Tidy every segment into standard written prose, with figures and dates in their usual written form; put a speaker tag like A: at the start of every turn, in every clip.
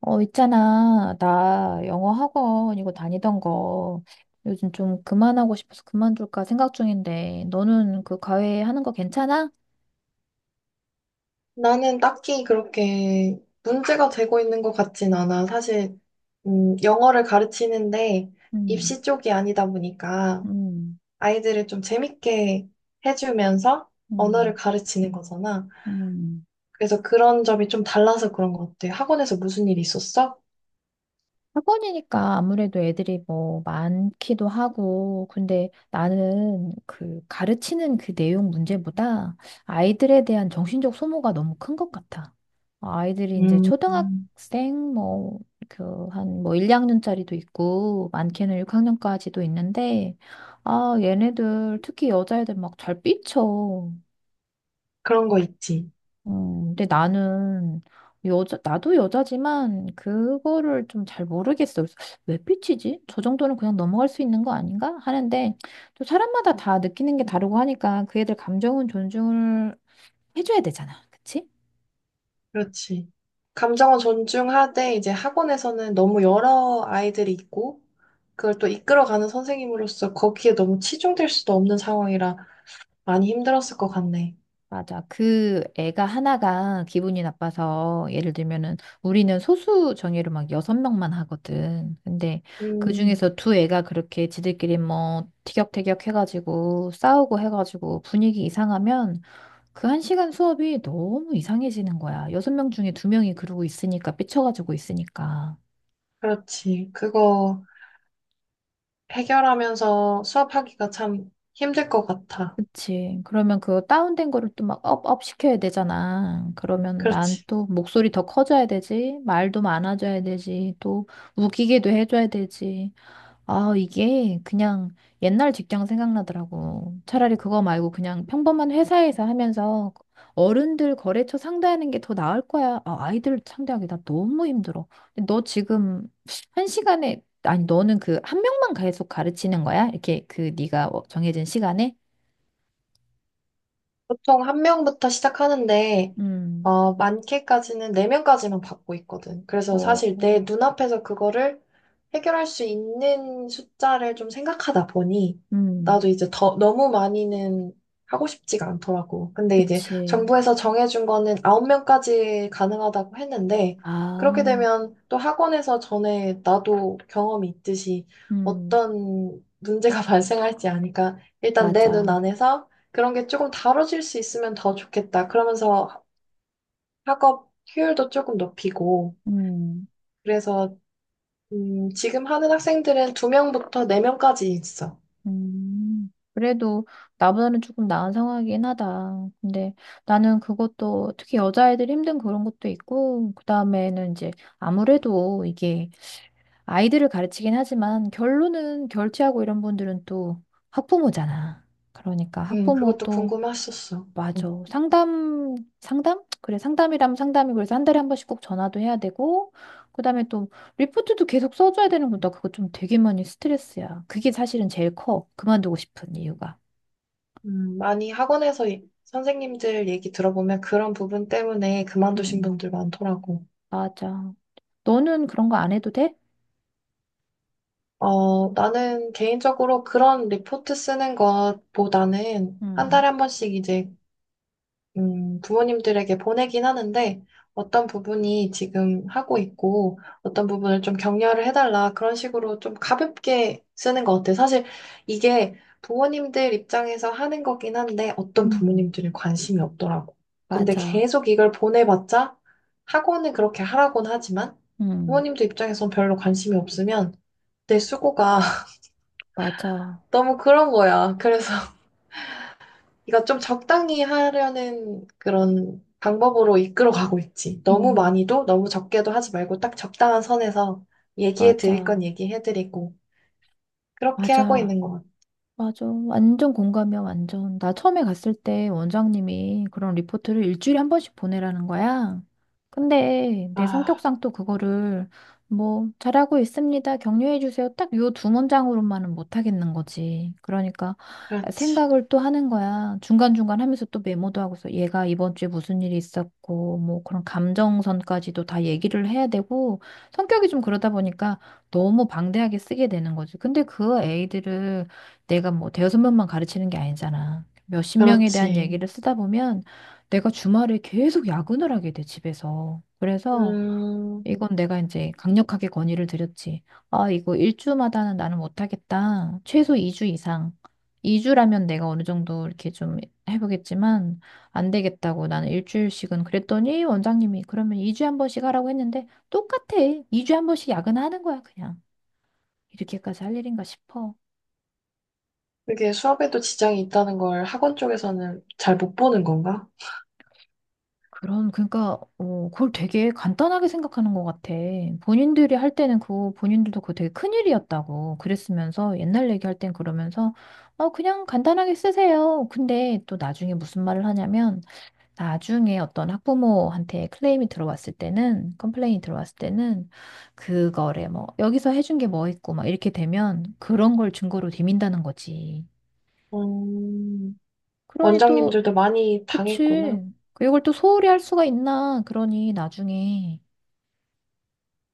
A: 어, 있잖아. 나 영어 학원 이거 다니던 거 요즘 좀 그만하고 싶어서 그만둘까 생각 중인데 너는 그 과외 하는 거 괜찮아?
B: 나는 딱히 그렇게 문제가 되고 있는 것 같진 않아. 사실, 영어를 가르치는데
A: 음,
B: 입시 쪽이 아니다 보니까
A: 음,
B: 아이들을 좀 재밌게 해주면서 언어를
A: 음,
B: 가르치는 거잖아.
A: 음.
B: 그래서 그런 점이 좀 달라서 그런 것 같아. 학원에서 무슨 일 있었어?
A: 학원이니까 아무래도 애들이 뭐 많기도 하고, 근데 나는 그 가르치는 그 내용 문제보다 아이들에 대한 정신적 소모가 너무 큰 것 같아. 아이들이 이제
B: 음. 음.
A: 초등학생 뭐, 그, 한 뭐 1, 2학년짜리도 있고, 많게는 6학년까지도 있는데, 아, 얘네들, 특히 여자애들 막 잘 삐쳐.
B: 그런 거 있지.
A: 근데 나는 나도 여자지만 그거를 좀 잘 모르겠어. 그래서 왜 삐치지? 저 정도는 그냥 넘어갈 수 있는 거 아닌가? 하는데 또 사람마다 다 느끼는 게 다르고 하니까 그 애들 감정은 존중을 해줘야 되잖아. 그치?
B: 그렇지. 감정은 존중하되 이제 학원에서는 너무 여러 아이들이 있고 그걸 또 이끌어가는 선생님으로서 거기에 너무 치중될 수도 없는 상황이라 많이 힘들었을 것 같네.
A: 맞아. 그 애가 하나가 기분이 나빠서 예를 들면은 우리는 소수 정예로 막 여섯 명만 하거든. 근데 그
B: 음.
A: 중에서 두 애가 그렇게 지들끼리 뭐 티격태격 해가지고 싸우고 해가지고 분위기 이상하면 그 한 시간 수업이 너무 이상해지는 거야. 여섯 명 중에 두 명이 그러고 있으니까, 삐쳐가지고 있으니까.
B: 그렇지. 그거 해결하면서 수업하기가 참 힘들 것 같아.
A: 그치. 그러면 그 다운된 거를 또 막 업업 시켜야 되잖아. 그러면 난
B: 그렇지.
A: 또 목소리 더 커져야 되지. 말도 많아져야 되지. 또 웃기게도 해줘야 되지. 아, 이게 그냥 옛날 직장 생각나더라고. 차라리 그거 말고 그냥 평범한 회사에서 하면서 어른들 거래처 상대하는 게 더 나을 거야. 아, 아이들 상대하기 나 너무 힘들어. 근데 너 지금 한 시간에, 아니, 너는 그 한 명만 계속 가르치는 거야? 이렇게 그 네가 어, 정해진 시간에?
B: 보통 한 명부터 시작하는데,
A: 음,
B: 어, 많게까지는 네 명까지만 받고 있거든. 그래서
A: 어,
B: 사실 내 눈앞에서 그거를 해결할 수 있는 숫자를 좀 생각하다 보니,
A: 음,
B: 나도 이제 더, 너무 많이는 하고 싶지가 않더라고. 근데 이제
A: 그치.
B: 정부에서 정해준 거는 아홉 명까지 가능하다고 했는데, 그렇게
A: 아,
B: 되면 또 학원에서 전에 나도 경험이 있듯이
A: 음,
B: 어떤 문제가 발생할지 아니까 일단 내 눈
A: 맞아.
B: 안에서 그런 게 조금 다뤄질 수 있으면 더 좋겠다. 그러면서 학업 효율도 조금 높이고.
A: 음.
B: 그래서, 지금 하는 학생들은 두명부터네명까지 있어.
A: 그래도 나보다는 조금 나은 상황이긴 하다. 근데 나는 그것도 특히 여자아이들 힘든 그런 것도 있고, 그 다음에는 이제 아무래도 이게 아이들을 가르치긴 하지만 결론은 결제하고 이런 분들은 또 학부모잖아. 그러니까 학부모
B: 그것도
A: 또
B: 궁금했었어.
A: 맞아.
B: 어.
A: 상담, 상담? 그래, 상담이라면 상담이 그래서 한 달에 한 번씩 꼭 전화도 해야 되고, 그 다음에 또 리포트도 계속 써줘야 되는 거나 그거 좀 되게 많이 스트레스야. 그게 사실은 제일 커. 그만두고 싶은 이유가.
B: 많이 학원에서 선생님들 얘기 들어보면 그런 부분 때문에 그만두신
A: 음,
B: 분들 많더라고.
A: 맞아. 너는 그런 거 안 해도 돼?
B: 어, 나는 개인적으로 그런 리포트 쓰는 것보다는 한
A: 음,
B: 달에 한 번씩 이제 부모님들에게 보내긴 하는데 어떤 부분이 지금 하고 있고 어떤 부분을 좀 격려를 해달라 그런 식으로 좀 가볍게 쓰는 것 같아요. 사실 이게 부모님들 입장에서 하는 거긴 한데 어떤
A: 음,
B: 부모님들은 관심이 없더라고. 근데
A: 맞아.
B: 계속 이걸 보내봤자 학원은 그렇게 하라고는 하지만
A: 음,
B: 부모님들 입장에선 별로 관심이 없으면 내 수고가
A: 맞아.
B: 너무 그런 거야. 그래서 이거 좀 적당히 하려는 그런 방법으로 이끌어 가고 있지. 너무
A: 음,
B: 많이도 너무 적게도 하지 말고 딱 적당한 선에서 얘기해 드릴 건
A: 맞아.
B: 얘기해 드리고 그렇게 하고
A: 맞아.
B: 있는 것 같아.
A: 맞아. 완전 공감이야, 완전. 나 처음에 갔을 때 원장님이 그런 리포트를 일주일에 한 번씩 보내라는 거야. 근데 내
B: 아,
A: 성격상 또 그거를 뭐, 잘하고 있습니다. 격려해 주세요. 딱 요 두 문장으로만은 못 하겠는 거지. 그러니까
B: 그렇지.
A: 생각을 또 하는 거야. 중간중간 하면서 또 메모도 하고서 얘가 이번 주에 무슨 일이 있었고, 뭐 그런 감정선까지도 다 얘기를 해야 되고, 성격이 좀 그러다 보니까 너무 방대하게 쓰게 되는 거지. 근데 그 애들을 내가 뭐 대여섯 명만 가르치는 게 아니잖아. 몇십 명에 대한
B: 그렇지.
A: 얘기를 쓰다 보면 내가 주말에 계속 야근을 하게 돼, 집에서. 그래서
B: 음,
A: 이건 내가 이제 강력하게 건의를 드렸지. 아, 이거 일주마다는 나는 못하겠다. 최소 이 주 이상. 이주라면 내가 어느 정도 이렇게 좀 해보겠지만 안 되겠다고 나는 일주일씩은 그랬더니 원장님이 그러면 이주에한 번씩 하라고 했는데 똑같아. 이주에한 번씩 야근하는 거야, 그냥. 이렇게까지 할 일인가 싶어.
B: 그게 수업에도 지장이 있다는 걸 학원 쪽에서는 잘 못 보는 건가?
A: 그런 그러니까, 어, 그걸 되게 간단하게 생각하는 것 같아. 본인들이 할 때는 그, 본인들도 그거 되게 큰일이었다고. 그랬으면서, 옛날 얘기할 땐 그러면서, 어, 그냥 간단하게 쓰세요. 근데 또 나중에 무슨 말을 하냐면, 나중에 어떤 학부모한테 클레임이 들어왔을 때는, 컴플레인이 들어왔을 때는, 그거래, 뭐, 여기서 해준 게 뭐 있고, 막 이렇게 되면, 그런 걸 증거로 디민다는 거지.
B: 음,
A: 그러니 또,
B: 원장님들도 많이 당했구나.
A: 그치. 이걸 또 소홀히 할 수가 있나. 그러니 나중에.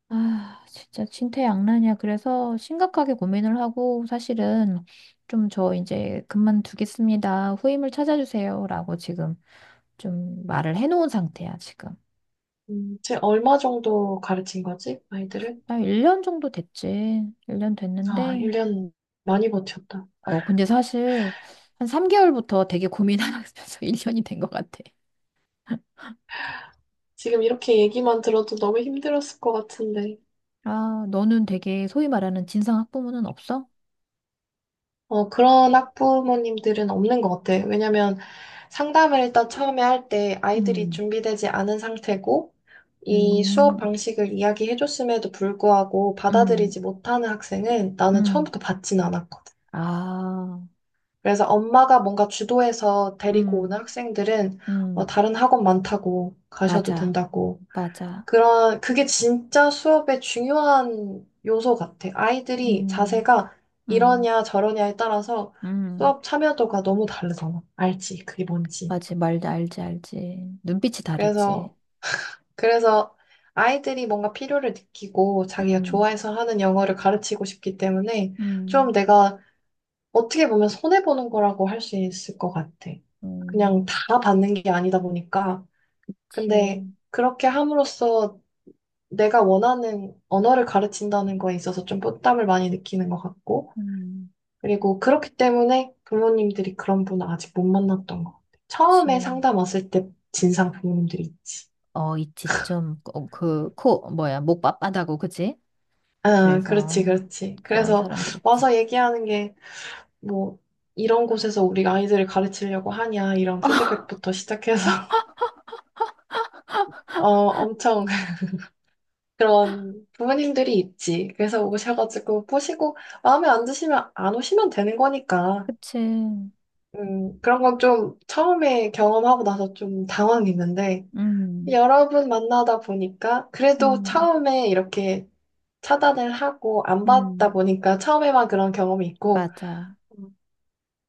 A: 아, 진짜 진퇴양난이야. 그래서 심각하게 고민을 하고 사실은 좀 저 이제 그만두겠습니다. 후임을 찾아주세요라고 지금 좀 말을 해놓은 상태야, 지금.
B: 쟤 얼마 정도 가르친 거지? 아이들을?
A: 한 1년 정도 됐지. 1년
B: 아,
A: 됐는데.
B: 1년 많이 버텼다.
A: 어, 근데 사실 한 3개월부터 되게 고민하면서 1년이 된 것 같아.
B: 지금 이렇게 얘기만 들어도 너무 힘들었을 것 같은데.
A: 아, 너는 되게 소위 말하는 진상 학부모는 없어?
B: 어, 그런 학부모님들은 없는 것 같아. 왜냐면 상담을 일단 처음에 할 때 아이들이
A: 음,
B: 준비되지 않은 상태고, 이 수업
A: 음,
B: 방식을 이야기해줬음에도 불구하고
A: 음,
B: 받아들이지 못하는 학생은 나는
A: 음.
B: 처음부터 받진 않았거든.
A: 아,
B: 그래서 엄마가 뭔가 주도해서 데리고 오는
A: 음,
B: 학생들은 어,
A: 음.
B: 다른 학원 많다고 가셔도
A: 맞아.
B: 된다고
A: 맞아.
B: 그게 진짜 수업의 중요한 요소 같아. 아이들이
A: 음,
B: 자세가
A: 음,
B: 이러냐 저러냐에 따라서
A: 음,
B: 수업 참여도가 너무 다르잖아. 알지? 그게 뭔지.
A: 맞지. 말 알지, 알지. 눈빛이 다르지.
B: 그래서, 그래서 아이들이 뭔가 필요를 느끼고 자기가
A: 음,
B: 좋아해서 하는 영어를 가르치고 싶기 때문에
A: 음,
B: 좀 내가 어떻게 보면 손해보는 거라고 할 수 있을 것 같아. 그냥
A: 음,
B: 다 받는 게 아니다 보니까. 근데
A: 치.
B: 그렇게 함으로써 내가 원하는 언어를 가르친다는 거에 있어서 좀 부담을 많이 느끼는 것 같고,
A: 음,
B: 그리고 그렇기 때문에 부모님들이 그런 분을 아직 못 만났던 것 같아. 처음에
A: 그치.
B: 상담 왔을 때 진상 부모님들이 있지.
A: 어, 있지. 좀, 어, 그, 코, 뭐야, 목 빳빳하고, 그지?
B: 아, 그렇지,
A: 그래서,
B: 그렇지.
A: 그런
B: 그래서
A: 사람들 있지.
B: 와서 얘기하는 게, 뭐, 이런 곳에서 우리 아이들을 가르치려고 하냐, 이런 피드백부터 시작해서, 어, 엄청 그런 부모님들이 있지. 그래서 오셔가지고 보시고, 마음에 안 드시면 안 오시면 되는 거니까.
A: 그치.
B: 그런 건 좀 처음에 경험하고 나서 좀 당황했는데,
A: 음,
B: 여러 분 만나다 보니까, 그래도
A: 음,
B: 처음에 이렇게 차단을 하고 안 받다
A: 음,
B: 보니까 처음에만 그런 경험이 있고,
A: 맞아.
B: 음,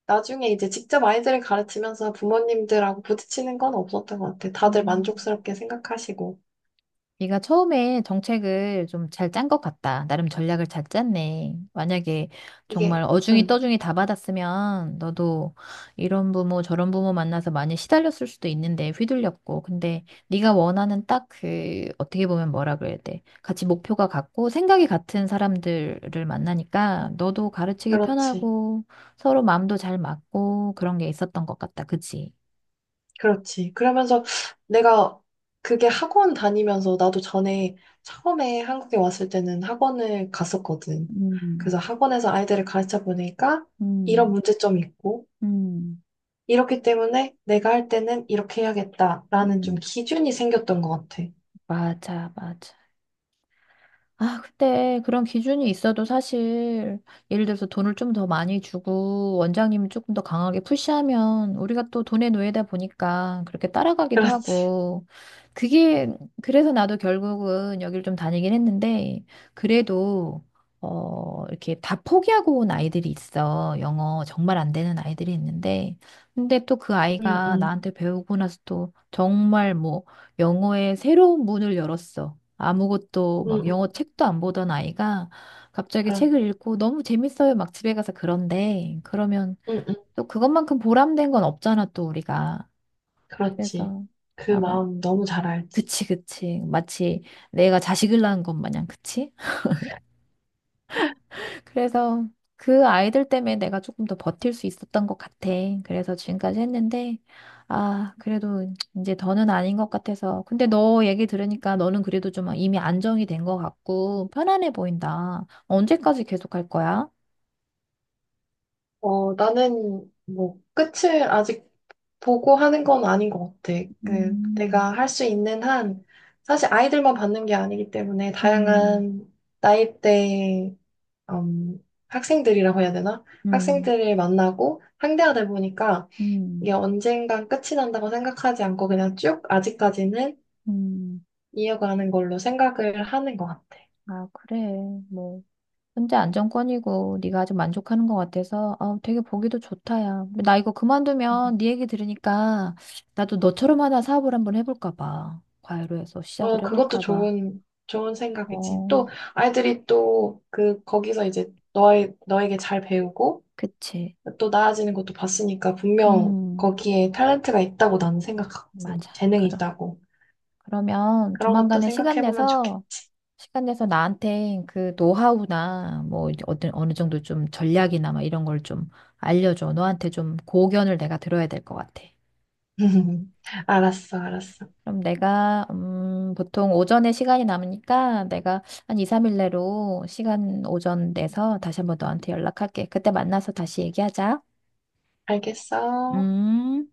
B: 나중에 이제 직접 아이들을 가르치면서 부모님들하고 부딪히는 건 없었던 것 같아. 다들
A: 음.
B: 만족스럽게 생각하시고,
A: 네가 처음에 정책을 좀 잘 짠 것 같다. 나름 전략을 잘 짰네. 만약에 정말
B: 이게,
A: 어중이
B: 응,
A: 떠중이 다 받았으면 너도 이런 부모 저런 부모 만나서 많이 시달렸을 수도 있는데 휘둘렸고. 근데 네가 원하는 딱 그 어떻게 보면 뭐라 그래야 돼. 같이 목표가 같고 생각이 같은 사람들을 만나니까 너도 가르치기
B: 그렇지.
A: 편하고 서로 마음도 잘 맞고 그런 게 있었던 것 같다. 그치?
B: 그렇지. 그러면서 내가 그게 학원 다니면서 나도 전에 처음에 한국에 왔을 때는 학원을 갔었거든. 그래서
A: 음,
B: 학원에서 아이들을 가르쳐 보니까 이런
A: 음,
B: 문제점이 있고,
A: 음,
B: 이렇기 때문에 내가 할 때는 이렇게 해야겠다라는 좀
A: 음.
B: 기준이 생겼던 것 같아.
A: 맞아, 맞아. 아, 근데 그런 기준이 있어도 사실 예를 들어서 돈을 좀 더 많이 주고 원장님이 조금 더 강하게 푸시하면 우리가 또 돈의 노예다 보니까 그렇게 따라가기도
B: 그렇지.
A: 하고 그게 그래서 나도 결국은 여길 좀 다니긴 했는데 그래도 어 이렇게 다 포기하고 온 아이들이 있어. 영어 정말 안 되는 아이들이 있는데 근데 또 그
B: 응,
A: 아이가
B: 응,
A: 나한테 배우고 나서 또 정말 뭐 영어의 새로운 문을 열었어. 아무것도
B: 응,
A: 막
B: 응,
A: 영어 책도 안 보던 아이가 갑자기
B: 그렇-
A: 책을 읽고 너무 재밌어요. 막 집에 가서 그런데 그러면
B: 응, 응,
A: 또 그것만큼 보람된 건 없잖아, 또 우리가.
B: 그렇지.
A: 그래서
B: 그
A: 아마
B: 마음 너무 잘 알지.
A: 그치, 그치. 마치 내가 자식을 낳은 것 마냥, 그치? 그래서 그 아이들 때문에 내가 조금 더 버틸 수 있었던 것 같아. 그래서 지금까지 했는데, 아, 그래도 이제 더는 아닌 것 같아서. 근데 너 얘기 들으니까 너는 그래도 좀 이미 안정이 된 것 같고 편안해 보인다. 언제까지 계속 할 거야?
B: 어, 나는 뭐 끝을 아직 보고 하는 건 아닌 것 같아. 그
A: 음,
B: 내가 할 수 있는 한 사실 아이들만 받는 게 아니기 때문에
A: 음,
B: 다양한 나이대의 학생들이라고 해야 되나?
A: 음,
B: 학생들을 만나고 상대하다 보니까 이게
A: 음.
B: 언젠간 끝이 난다고 생각하지 않고 그냥 쭉 아직까지는
A: 음.
B: 이어가는 걸로 생각을 하는 것 같아.
A: 아, 그래. 뭐. 현재 안정권이고 네가 아주 만족하는 것 같아서 어, 되게 보기도 좋다 야. 나 이거 그만두면 네 얘기 들으니까 나도 너처럼 하나 사업을 한번 해볼까 봐. 과외로 해서
B: 어,
A: 시작을
B: 그것도
A: 해볼까 봐.
B: 좋은, 좋은 생각이지.
A: 어,
B: 또, 아이들이 또, 거기서 이제 너에게 잘 배우고,
A: 그치.
B: 또 나아지는 것도 봤으니까, 분명
A: 음,
B: 거기에 탤런트가 있다고 나는 생각하거든.
A: 맞아.
B: 재능이
A: 그럼.
B: 있다고.
A: 그러면
B: 그런 것도
A: 조만간에 시간
B: 생각해보면
A: 내서
B: 좋겠지.
A: 시간 내서 나한테 그 노하우나 뭐 이제 어떤 어느 정도 좀 전략이나 막 이런 걸 좀 알려줘. 너한테 좀 고견을 내가 들어야 될 것 같아.
B: 알았어, 알았어.
A: 그럼 내가, 보통 오전에 시간이 남으니까 내가 한 2, 3일 내로 시간 오전 내서 다시 한번 너한테 연락할게. 그때 만나서 다시 얘기하자.
B: 알겠어.
A: 음.